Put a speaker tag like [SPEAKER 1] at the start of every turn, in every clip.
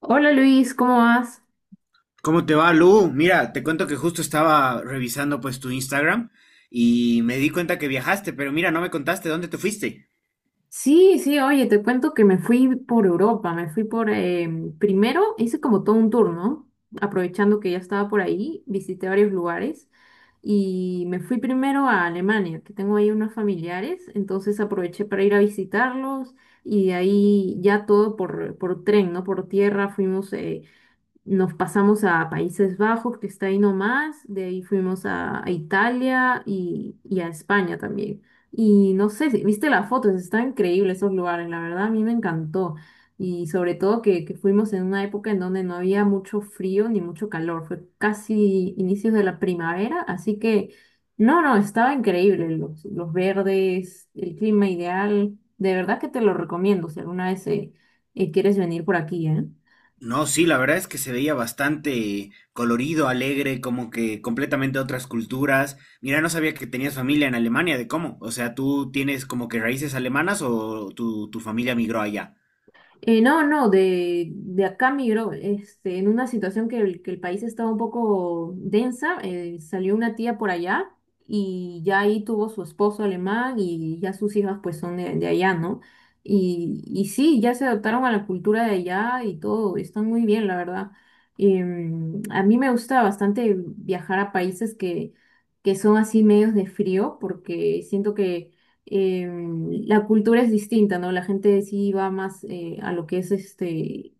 [SPEAKER 1] Hola Luis, ¿cómo vas?
[SPEAKER 2] ¿Cómo te va, Lu? Mira, te cuento que justo estaba revisando pues tu Instagram y me di cuenta que viajaste, pero mira, no me contaste dónde te fuiste.
[SPEAKER 1] Sí, sí, oye, te cuento que me fui por Europa, me fui por, em, primero hice como todo un tour, ¿no? Aprovechando que ya estaba por ahí, visité varios lugares y me fui primero a Alemania, que tengo ahí unos familiares, entonces aproveché para ir a visitarlos y de ahí ya todo por, tren, ¿no? Por tierra fuimos, nos pasamos a Países Bajos, que está ahí nomás, de ahí fuimos a Italia y a España también. Y no sé, viste las fotos, están increíbles esos lugares, la verdad a mí me encantó. Y sobre todo que fuimos en una época en donde no había mucho frío ni mucho calor, fue casi inicios de la primavera, así que no, no, estaba increíble, los, verdes, el clima ideal, de verdad que te lo recomiendo si alguna vez quieres venir por aquí, ¿eh?
[SPEAKER 2] No, sí, la verdad es que se veía bastante colorido, alegre, como que completamente otras culturas. Mira, no sabía que tenías familia en Alemania, ¿de cómo? O sea, ¿tú tienes como que raíces alemanas o tu familia migró allá?
[SPEAKER 1] No, no, de, acá migró, este, en una situación que el país estaba un poco densa, salió una tía por allá y ya ahí tuvo su esposo alemán y ya sus hijas pues son de allá, ¿no? y, sí, ya se adaptaron a la cultura de allá y todo, están muy bien, la verdad. A mí me gusta bastante viajar a países que son así medios de frío porque siento que eh, la cultura es distinta, ¿no? La gente sí va más a lo que es este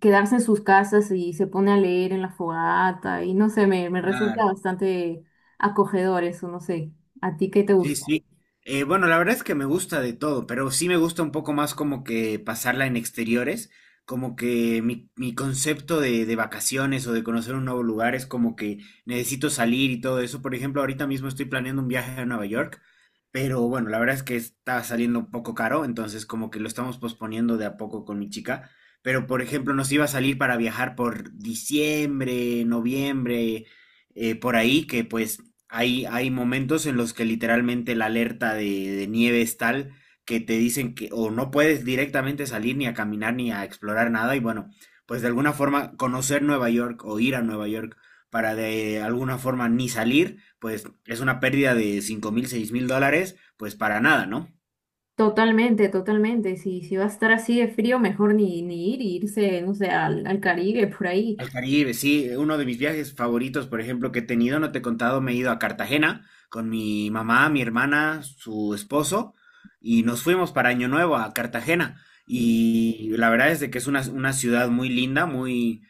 [SPEAKER 1] quedarse en sus casas y se pone a leer en la fogata y no sé, me, resulta
[SPEAKER 2] Claro.
[SPEAKER 1] bastante acogedor eso, no sé. ¿A ti qué te
[SPEAKER 2] Sí,
[SPEAKER 1] gusta?
[SPEAKER 2] sí. Bueno, la verdad es que me gusta de todo, pero sí me gusta un poco más como que pasarla en exteriores, como que mi concepto de vacaciones o de conocer un nuevo lugar es como que necesito salir y todo eso. Por ejemplo, ahorita mismo estoy planeando un viaje a Nueva York, pero bueno, la verdad es que está saliendo un poco caro, entonces como que lo estamos posponiendo de a poco con mi chica. Pero por ejemplo, nos iba a salir para viajar por diciembre, noviembre por ahí, que pues hay momentos en los que literalmente la alerta de nieve es tal que te dicen que o no puedes directamente salir ni a caminar ni a explorar nada y bueno, pues de alguna forma conocer Nueva York o ir a Nueva York para de alguna forma ni salir, pues es una pérdida de $5,000, $6,000, pues para nada, ¿no?
[SPEAKER 1] Totalmente, totalmente. Si va a estar así de frío, mejor ni, irse, no sé, al Caribe, por ahí.
[SPEAKER 2] Al Caribe, sí, uno de mis viajes favoritos, por ejemplo, que he tenido, no te he contado, me he ido a Cartagena con mi mamá, mi hermana, su esposo, y nos fuimos para Año Nuevo a Cartagena. Y la verdad es de que es una ciudad muy linda, muy,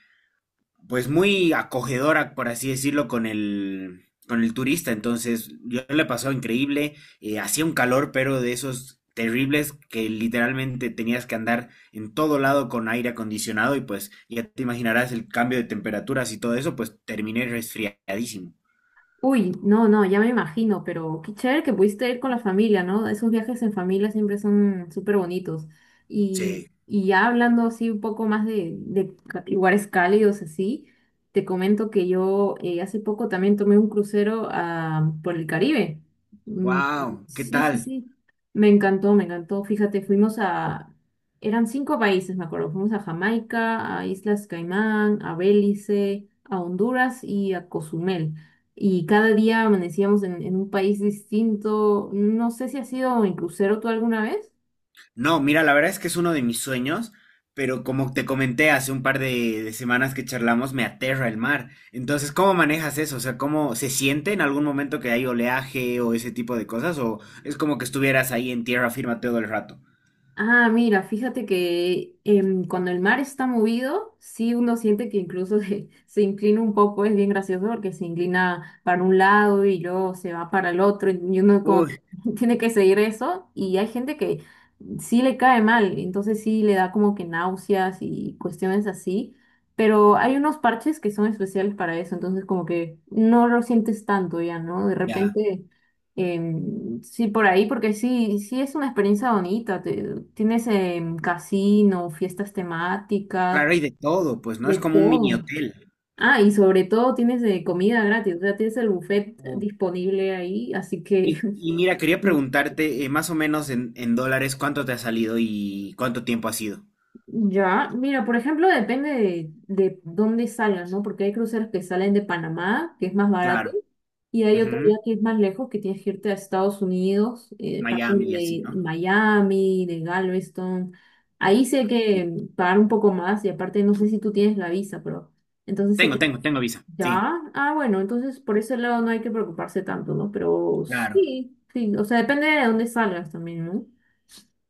[SPEAKER 2] pues muy acogedora, por así decirlo, con el turista. Entonces, yo le pasó increíble. Hacía un calor, pero de esos terribles que literalmente tenías que andar en todo lado con aire acondicionado y pues ya te imaginarás el cambio de temperaturas y todo eso, pues terminé resfriadísimo.
[SPEAKER 1] Uy, no, no, ya me imagino, pero qué chévere que pudiste ir con la familia, ¿no? Esos viajes en familia siempre son súper bonitos. Y,
[SPEAKER 2] Sí.
[SPEAKER 1] y ya hablando así un poco más de lugares cálidos así, te comento que yo hace poco también tomé un crucero ah, por el Caribe. Mm,
[SPEAKER 2] Wow, ¿qué
[SPEAKER 1] sí, sí,
[SPEAKER 2] tal?
[SPEAKER 1] sí. Me encantó, me encantó. Fíjate, eran cinco países, me acuerdo. Fuimos a Jamaica, a Islas Caimán, a Belice, a Honduras y a Cozumel y cada día amanecíamos en un país distinto. No sé si has ido en crucero tú alguna vez.
[SPEAKER 2] No, mira, la verdad es que es uno de mis sueños, pero como te comenté hace un par de semanas que charlamos, me aterra el mar. Entonces, ¿cómo manejas eso? O sea, ¿cómo se siente en algún momento que hay oleaje o ese tipo de cosas? ¿O es como que estuvieras ahí en tierra firme todo el rato?
[SPEAKER 1] Ah, mira, fíjate que cuando el mar está movido, sí uno siente que incluso se inclina un poco, es bien gracioso porque se inclina para un lado y luego se va para el otro y uno como que
[SPEAKER 2] Uy,
[SPEAKER 1] tiene que seguir eso y hay gente que sí le cae mal, entonces sí le da como que náuseas y cuestiones así, pero hay unos parches que son especiales para eso, entonces como que no lo sientes tanto ya, ¿no? De
[SPEAKER 2] ya.
[SPEAKER 1] repente... Sí, por ahí, porque sí, sí es una experiencia bonita. Tienes casino, fiestas temáticas,
[SPEAKER 2] Claro, hay de todo, pues, ¿no?
[SPEAKER 1] de
[SPEAKER 2] Es como un mini
[SPEAKER 1] todo.
[SPEAKER 2] hotel.
[SPEAKER 1] Ah, y sobre todo tienes de comida gratis, o sea, tienes el buffet
[SPEAKER 2] Uh,
[SPEAKER 1] disponible ahí, así que
[SPEAKER 2] Y, y mira, quería preguntarte, más o menos en dólares, ¿cuánto te ha salido y cuánto tiempo ha sido?
[SPEAKER 1] Ya, mira, por ejemplo, depende de dónde salgan, ¿no? Porque hay cruceros que salen de Panamá, que es más barato,
[SPEAKER 2] Claro.
[SPEAKER 1] y hay otro ya
[SPEAKER 2] Ujú,
[SPEAKER 1] que es más lejos, que tienes que irte a Estados Unidos,
[SPEAKER 2] Miami
[SPEAKER 1] parten
[SPEAKER 2] y así,
[SPEAKER 1] de
[SPEAKER 2] ¿no?
[SPEAKER 1] Miami, de Galveston. Ahí sí hay
[SPEAKER 2] Sí.
[SPEAKER 1] que pagar un poco más, y aparte no sé si tú tienes la visa, pero entonces
[SPEAKER 2] Tengo, tengo, tengo visa.
[SPEAKER 1] ya,
[SPEAKER 2] Sí.
[SPEAKER 1] bueno, entonces por ese lado no hay que preocuparse tanto, ¿no? Pero
[SPEAKER 2] Claro,
[SPEAKER 1] sí, sí, o sea, depende de dónde salgas también, ¿no?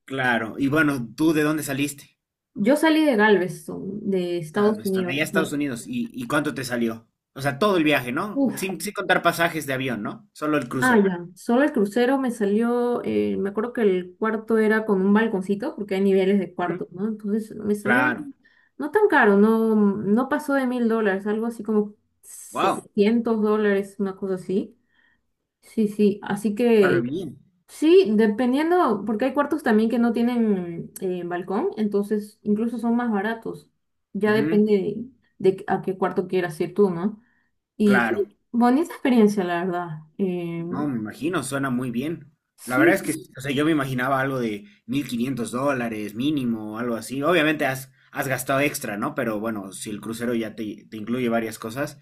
[SPEAKER 2] claro. Y bueno, ¿tú de dónde saliste?
[SPEAKER 1] Yo salí de Galveston, de Estados
[SPEAKER 2] Galveston,
[SPEAKER 1] Unidos.
[SPEAKER 2] allá a Estados Unidos. Y cuánto te salió? O sea, todo el viaje, ¿no?
[SPEAKER 1] Uf,
[SPEAKER 2] Sin, sin contar pasajes de avión, ¿no? Solo el crucero.
[SPEAKER 1] ya. Solo el crucero me salió, me acuerdo que el cuarto era con un balconcito, porque hay niveles de
[SPEAKER 2] Ujú,
[SPEAKER 1] cuartos, ¿no? Entonces me salió
[SPEAKER 2] claro.
[SPEAKER 1] no tan caro, no, no pasó de $1000, algo así como
[SPEAKER 2] Wow.
[SPEAKER 1] $700, una cosa así. Sí, sí, así
[SPEAKER 2] Ahora
[SPEAKER 1] que
[SPEAKER 2] bien.
[SPEAKER 1] sí, dependiendo, porque hay cuartos también que no tienen balcón, entonces incluso son más baratos. Ya
[SPEAKER 2] Ujú,
[SPEAKER 1] depende de, a qué cuarto quieras ir tú, ¿no? Y sí,
[SPEAKER 2] claro.
[SPEAKER 1] bonita experiencia, la verdad. Eh,
[SPEAKER 2] No, me imagino, suena muy bien. La verdad es que,
[SPEAKER 1] Sí,
[SPEAKER 2] o sea, yo me imaginaba algo de $1,500 mínimo, algo así. Obviamente has, has gastado extra, ¿no? Pero bueno, si el crucero ya te incluye varias cosas,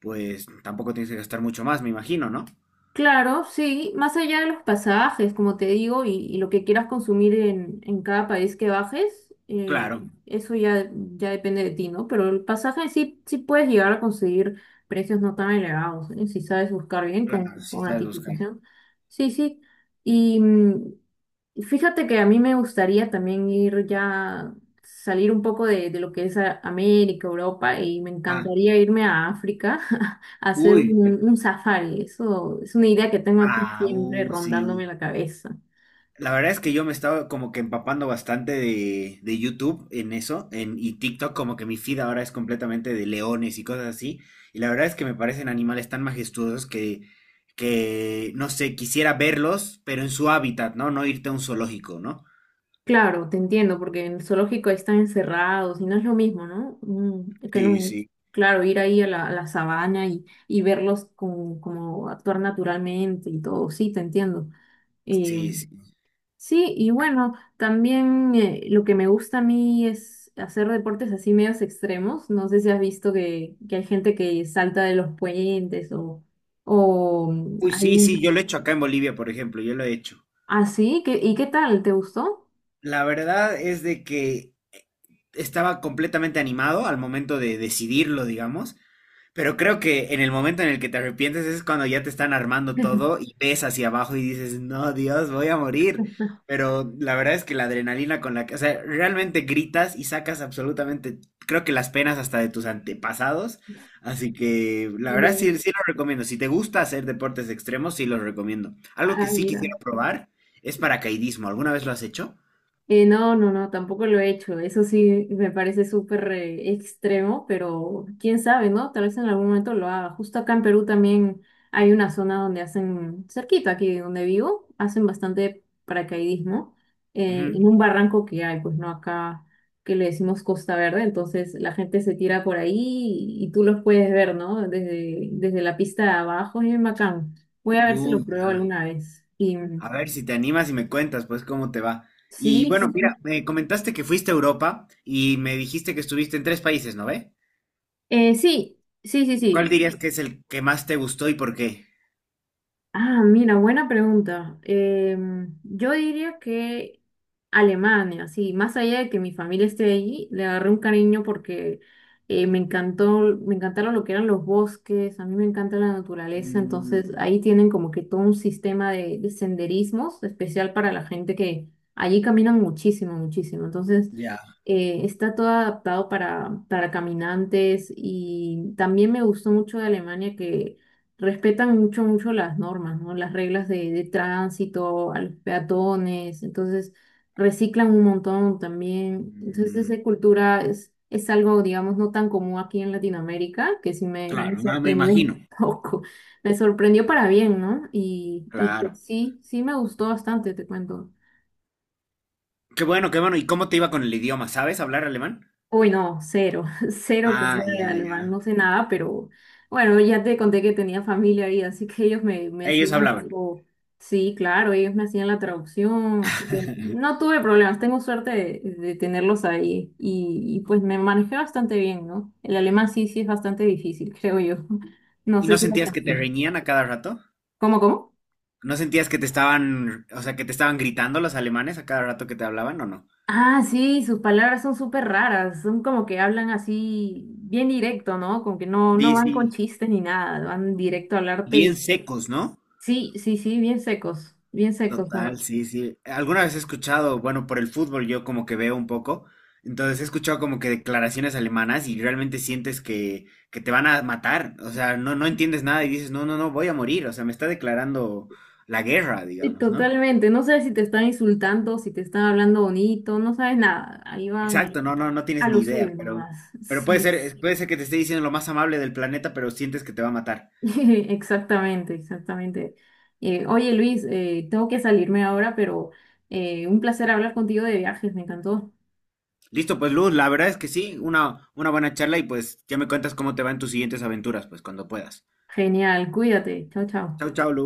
[SPEAKER 2] pues tampoco tienes que gastar mucho más, me imagino, ¿no?
[SPEAKER 1] claro, sí, más allá de los pasajes, como te digo, y lo que quieras consumir en cada país que bajes,
[SPEAKER 2] Claro,
[SPEAKER 1] eso ya, ya depende de ti, ¿no? Pero el pasaje sí, sí puedes llegar a conseguir precios no tan elevados, ¿eh? Si sabes buscar bien con,
[SPEAKER 2] claro, sí
[SPEAKER 1] con
[SPEAKER 2] sabes buscar.
[SPEAKER 1] anticipación. Sí, sí. Y, fíjate que a mí me gustaría también ir ya, salir un poco de, lo que es América, Europa, y me
[SPEAKER 2] Ah,
[SPEAKER 1] encantaría irme a África a hacer
[SPEAKER 2] uy, pero
[SPEAKER 1] un safari. Eso es una idea que tengo aquí
[SPEAKER 2] ah,
[SPEAKER 1] siempre
[SPEAKER 2] sí.
[SPEAKER 1] rondándome la cabeza.
[SPEAKER 2] La verdad es que yo me estaba como que empapando bastante de YouTube en eso, en, y TikTok, como que mi feed ahora es completamente de leones y cosas así. Y la verdad es que me parecen animales tan majestuosos que, no sé, quisiera verlos, pero en su hábitat, ¿no? No irte a un zoológico, ¿no?
[SPEAKER 1] Claro, te entiendo, porque en el zoológico ahí están encerrados y no es lo mismo, ¿no?
[SPEAKER 2] Sí, sí,
[SPEAKER 1] Claro, ir ahí a la, sabana y verlos como actuar naturalmente y todo. Sí, te entiendo.
[SPEAKER 2] sí,
[SPEAKER 1] Em,
[SPEAKER 2] sí.
[SPEAKER 1] Sí, y bueno, también lo que me gusta a mí es hacer deportes así medios extremos. No sé si has visto que hay gente que salta de los puentes o mm,
[SPEAKER 2] Uy, sí, sí,
[SPEAKER 1] hay-
[SPEAKER 2] yo lo he hecho acá en Bolivia, por ejemplo, yo lo he hecho.
[SPEAKER 1] así. ¿Y qué tal? ¿Te gustó?
[SPEAKER 2] La verdad es de que estaba completamente animado al momento de decidirlo, digamos. Pero creo que en el momento en el que te arrepientes es cuando ya te están armando todo y ves hacia abajo y dices, no, Dios, voy a morir. Pero la verdad es que la adrenalina con la que, o sea, realmente gritas y sacas absolutamente, creo que las penas hasta de tus antepasados. Así que la verdad
[SPEAKER 1] Yo,
[SPEAKER 2] sí, sí lo recomiendo. Si te gusta hacer deportes extremos, sí los recomiendo. Algo que sí
[SPEAKER 1] Mira.
[SPEAKER 2] quisiera probar es paracaidismo. ¿Alguna vez lo has hecho?
[SPEAKER 1] No, no, no, tampoco lo he hecho. Eso sí me parece súper extremo, pero quién sabe, ¿no? Tal vez en algún momento lo haga. Justo acá en Perú también hay una zona donde hacen, cerquita aquí donde vivo, hacen bastante paracaidismo en
[SPEAKER 2] Ujú.
[SPEAKER 1] un barranco que hay, pues no acá que le decimos Costa Verde, entonces la gente se tira por ahí y tú los puedes ver, ¿no? Desde la pista de abajo, es bien bacán. Voy a ver si lo
[SPEAKER 2] Uy,
[SPEAKER 1] pruebo
[SPEAKER 2] ya.
[SPEAKER 1] alguna vez. Y
[SPEAKER 2] A ver si te animas y me cuentas, pues, cómo te va. Y
[SPEAKER 1] sí, sí,
[SPEAKER 2] bueno, mira,
[SPEAKER 1] sí.
[SPEAKER 2] me comentaste que fuiste a Europa y me dijiste que estuviste en tres países, ¿no ve?
[SPEAKER 1] Sí, sí, sí, sí.
[SPEAKER 2] ¿Cuál dirías que es el que más te gustó y por qué?
[SPEAKER 1] Ah, mira, buena pregunta. Yo diría que Alemania, sí, más allá de que mi familia esté allí, le agarré un cariño porque me encantó, me encantaron lo que eran los bosques, a mí me encanta la naturaleza,
[SPEAKER 2] Mm,
[SPEAKER 1] entonces ahí tienen como que todo un sistema de, senderismos especial para la gente que allí caminan muchísimo, muchísimo. Entonces,
[SPEAKER 2] ya.
[SPEAKER 1] está todo adaptado para caminantes y también me gustó mucho de Alemania que respetan mucho, mucho las normas, ¿no? Las reglas de tránsito, a los peatones, entonces reciclan un montón también. Entonces
[SPEAKER 2] Mm,
[SPEAKER 1] esa cultura es algo, digamos, no tan común aquí en Latinoamérica, que sí me,
[SPEAKER 2] claro, no me
[SPEAKER 1] sorprendió
[SPEAKER 2] imagino.
[SPEAKER 1] un poco, me sorprendió para bien, ¿no? y
[SPEAKER 2] Claro.
[SPEAKER 1] sí, sí me gustó bastante, te cuento.
[SPEAKER 2] Qué bueno, qué bueno. ¿Y cómo te iba con el idioma? ¿Sabes hablar alemán?
[SPEAKER 1] Uy, no, cero, cero que
[SPEAKER 2] Ah,
[SPEAKER 1] sé
[SPEAKER 2] ya,
[SPEAKER 1] alemán,
[SPEAKER 2] ya.
[SPEAKER 1] no sé nada, pero bueno, ya te conté que tenía familia ahí, así que ellos me,
[SPEAKER 2] Ellos
[SPEAKER 1] hacían un
[SPEAKER 2] hablaban.
[SPEAKER 1] poco, sí, claro, ellos me hacían la traducción, así que no tuve problemas, tengo suerte de, tenerlos ahí y pues me manejé bastante bien, ¿no? El alemán sí, sí es bastante difícil, creo yo. No
[SPEAKER 2] ¿Y
[SPEAKER 1] sé
[SPEAKER 2] no
[SPEAKER 1] si lo
[SPEAKER 2] sentías que te
[SPEAKER 1] aprendí.
[SPEAKER 2] reñían a cada rato?
[SPEAKER 1] ¿Cómo, cómo?
[SPEAKER 2] ¿No sentías que te estaban, o sea, que te estaban gritando los alemanes a cada rato que te hablaban o no?
[SPEAKER 1] Ah, sí, sus palabras son súper raras, son como que hablan así bien directo, ¿no? Como que no, no
[SPEAKER 2] Sí,
[SPEAKER 1] van con
[SPEAKER 2] sí,
[SPEAKER 1] chistes ni nada, van directo a hablarte
[SPEAKER 2] bien
[SPEAKER 1] y
[SPEAKER 2] secos, ¿no?
[SPEAKER 1] sí, sí, sí, bien secos son.
[SPEAKER 2] Total, sí, sí. Alguna vez he escuchado, bueno, por el fútbol yo como que veo un poco, entonces he escuchado como que declaraciones alemanas y realmente sientes que te van a matar, o sea, no, no entiendes nada y dices, no, no, no, voy a morir, o sea, me está declarando la guerra,
[SPEAKER 1] Sí,
[SPEAKER 2] digamos, ¿no?
[SPEAKER 1] totalmente, no sabes si te están insultando, si te están hablando bonito, no sabes nada, ahí van
[SPEAKER 2] Exacto, no, no, no
[SPEAKER 1] a
[SPEAKER 2] tienes ni
[SPEAKER 1] lo
[SPEAKER 2] idea,
[SPEAKER 1] suyo nomás.
[SPEAKER 2] pero puede ser,
[SPEAKER 1] Sí,
[SPEAKER 2] puede ser que te esté diciendo lo más amable del planeta, pero sientes que te va a matar.
[SPEAKER 1] exactamente, exactamente. Oye Luis, tengo que salirme ahora, pero un placer hablar contigo de viajes, me encantó.
[SPEAKER 2] Listo, pues Luz, la verdad es que sí, una buena charla y pues ya me cuentas cómo te va en tus siguientes aventuras, pues cuando puedas.
[SPEAKER 1] Genial, cuídate, chao, chao.
[SPEAKER 2] Chau, chau, Lu.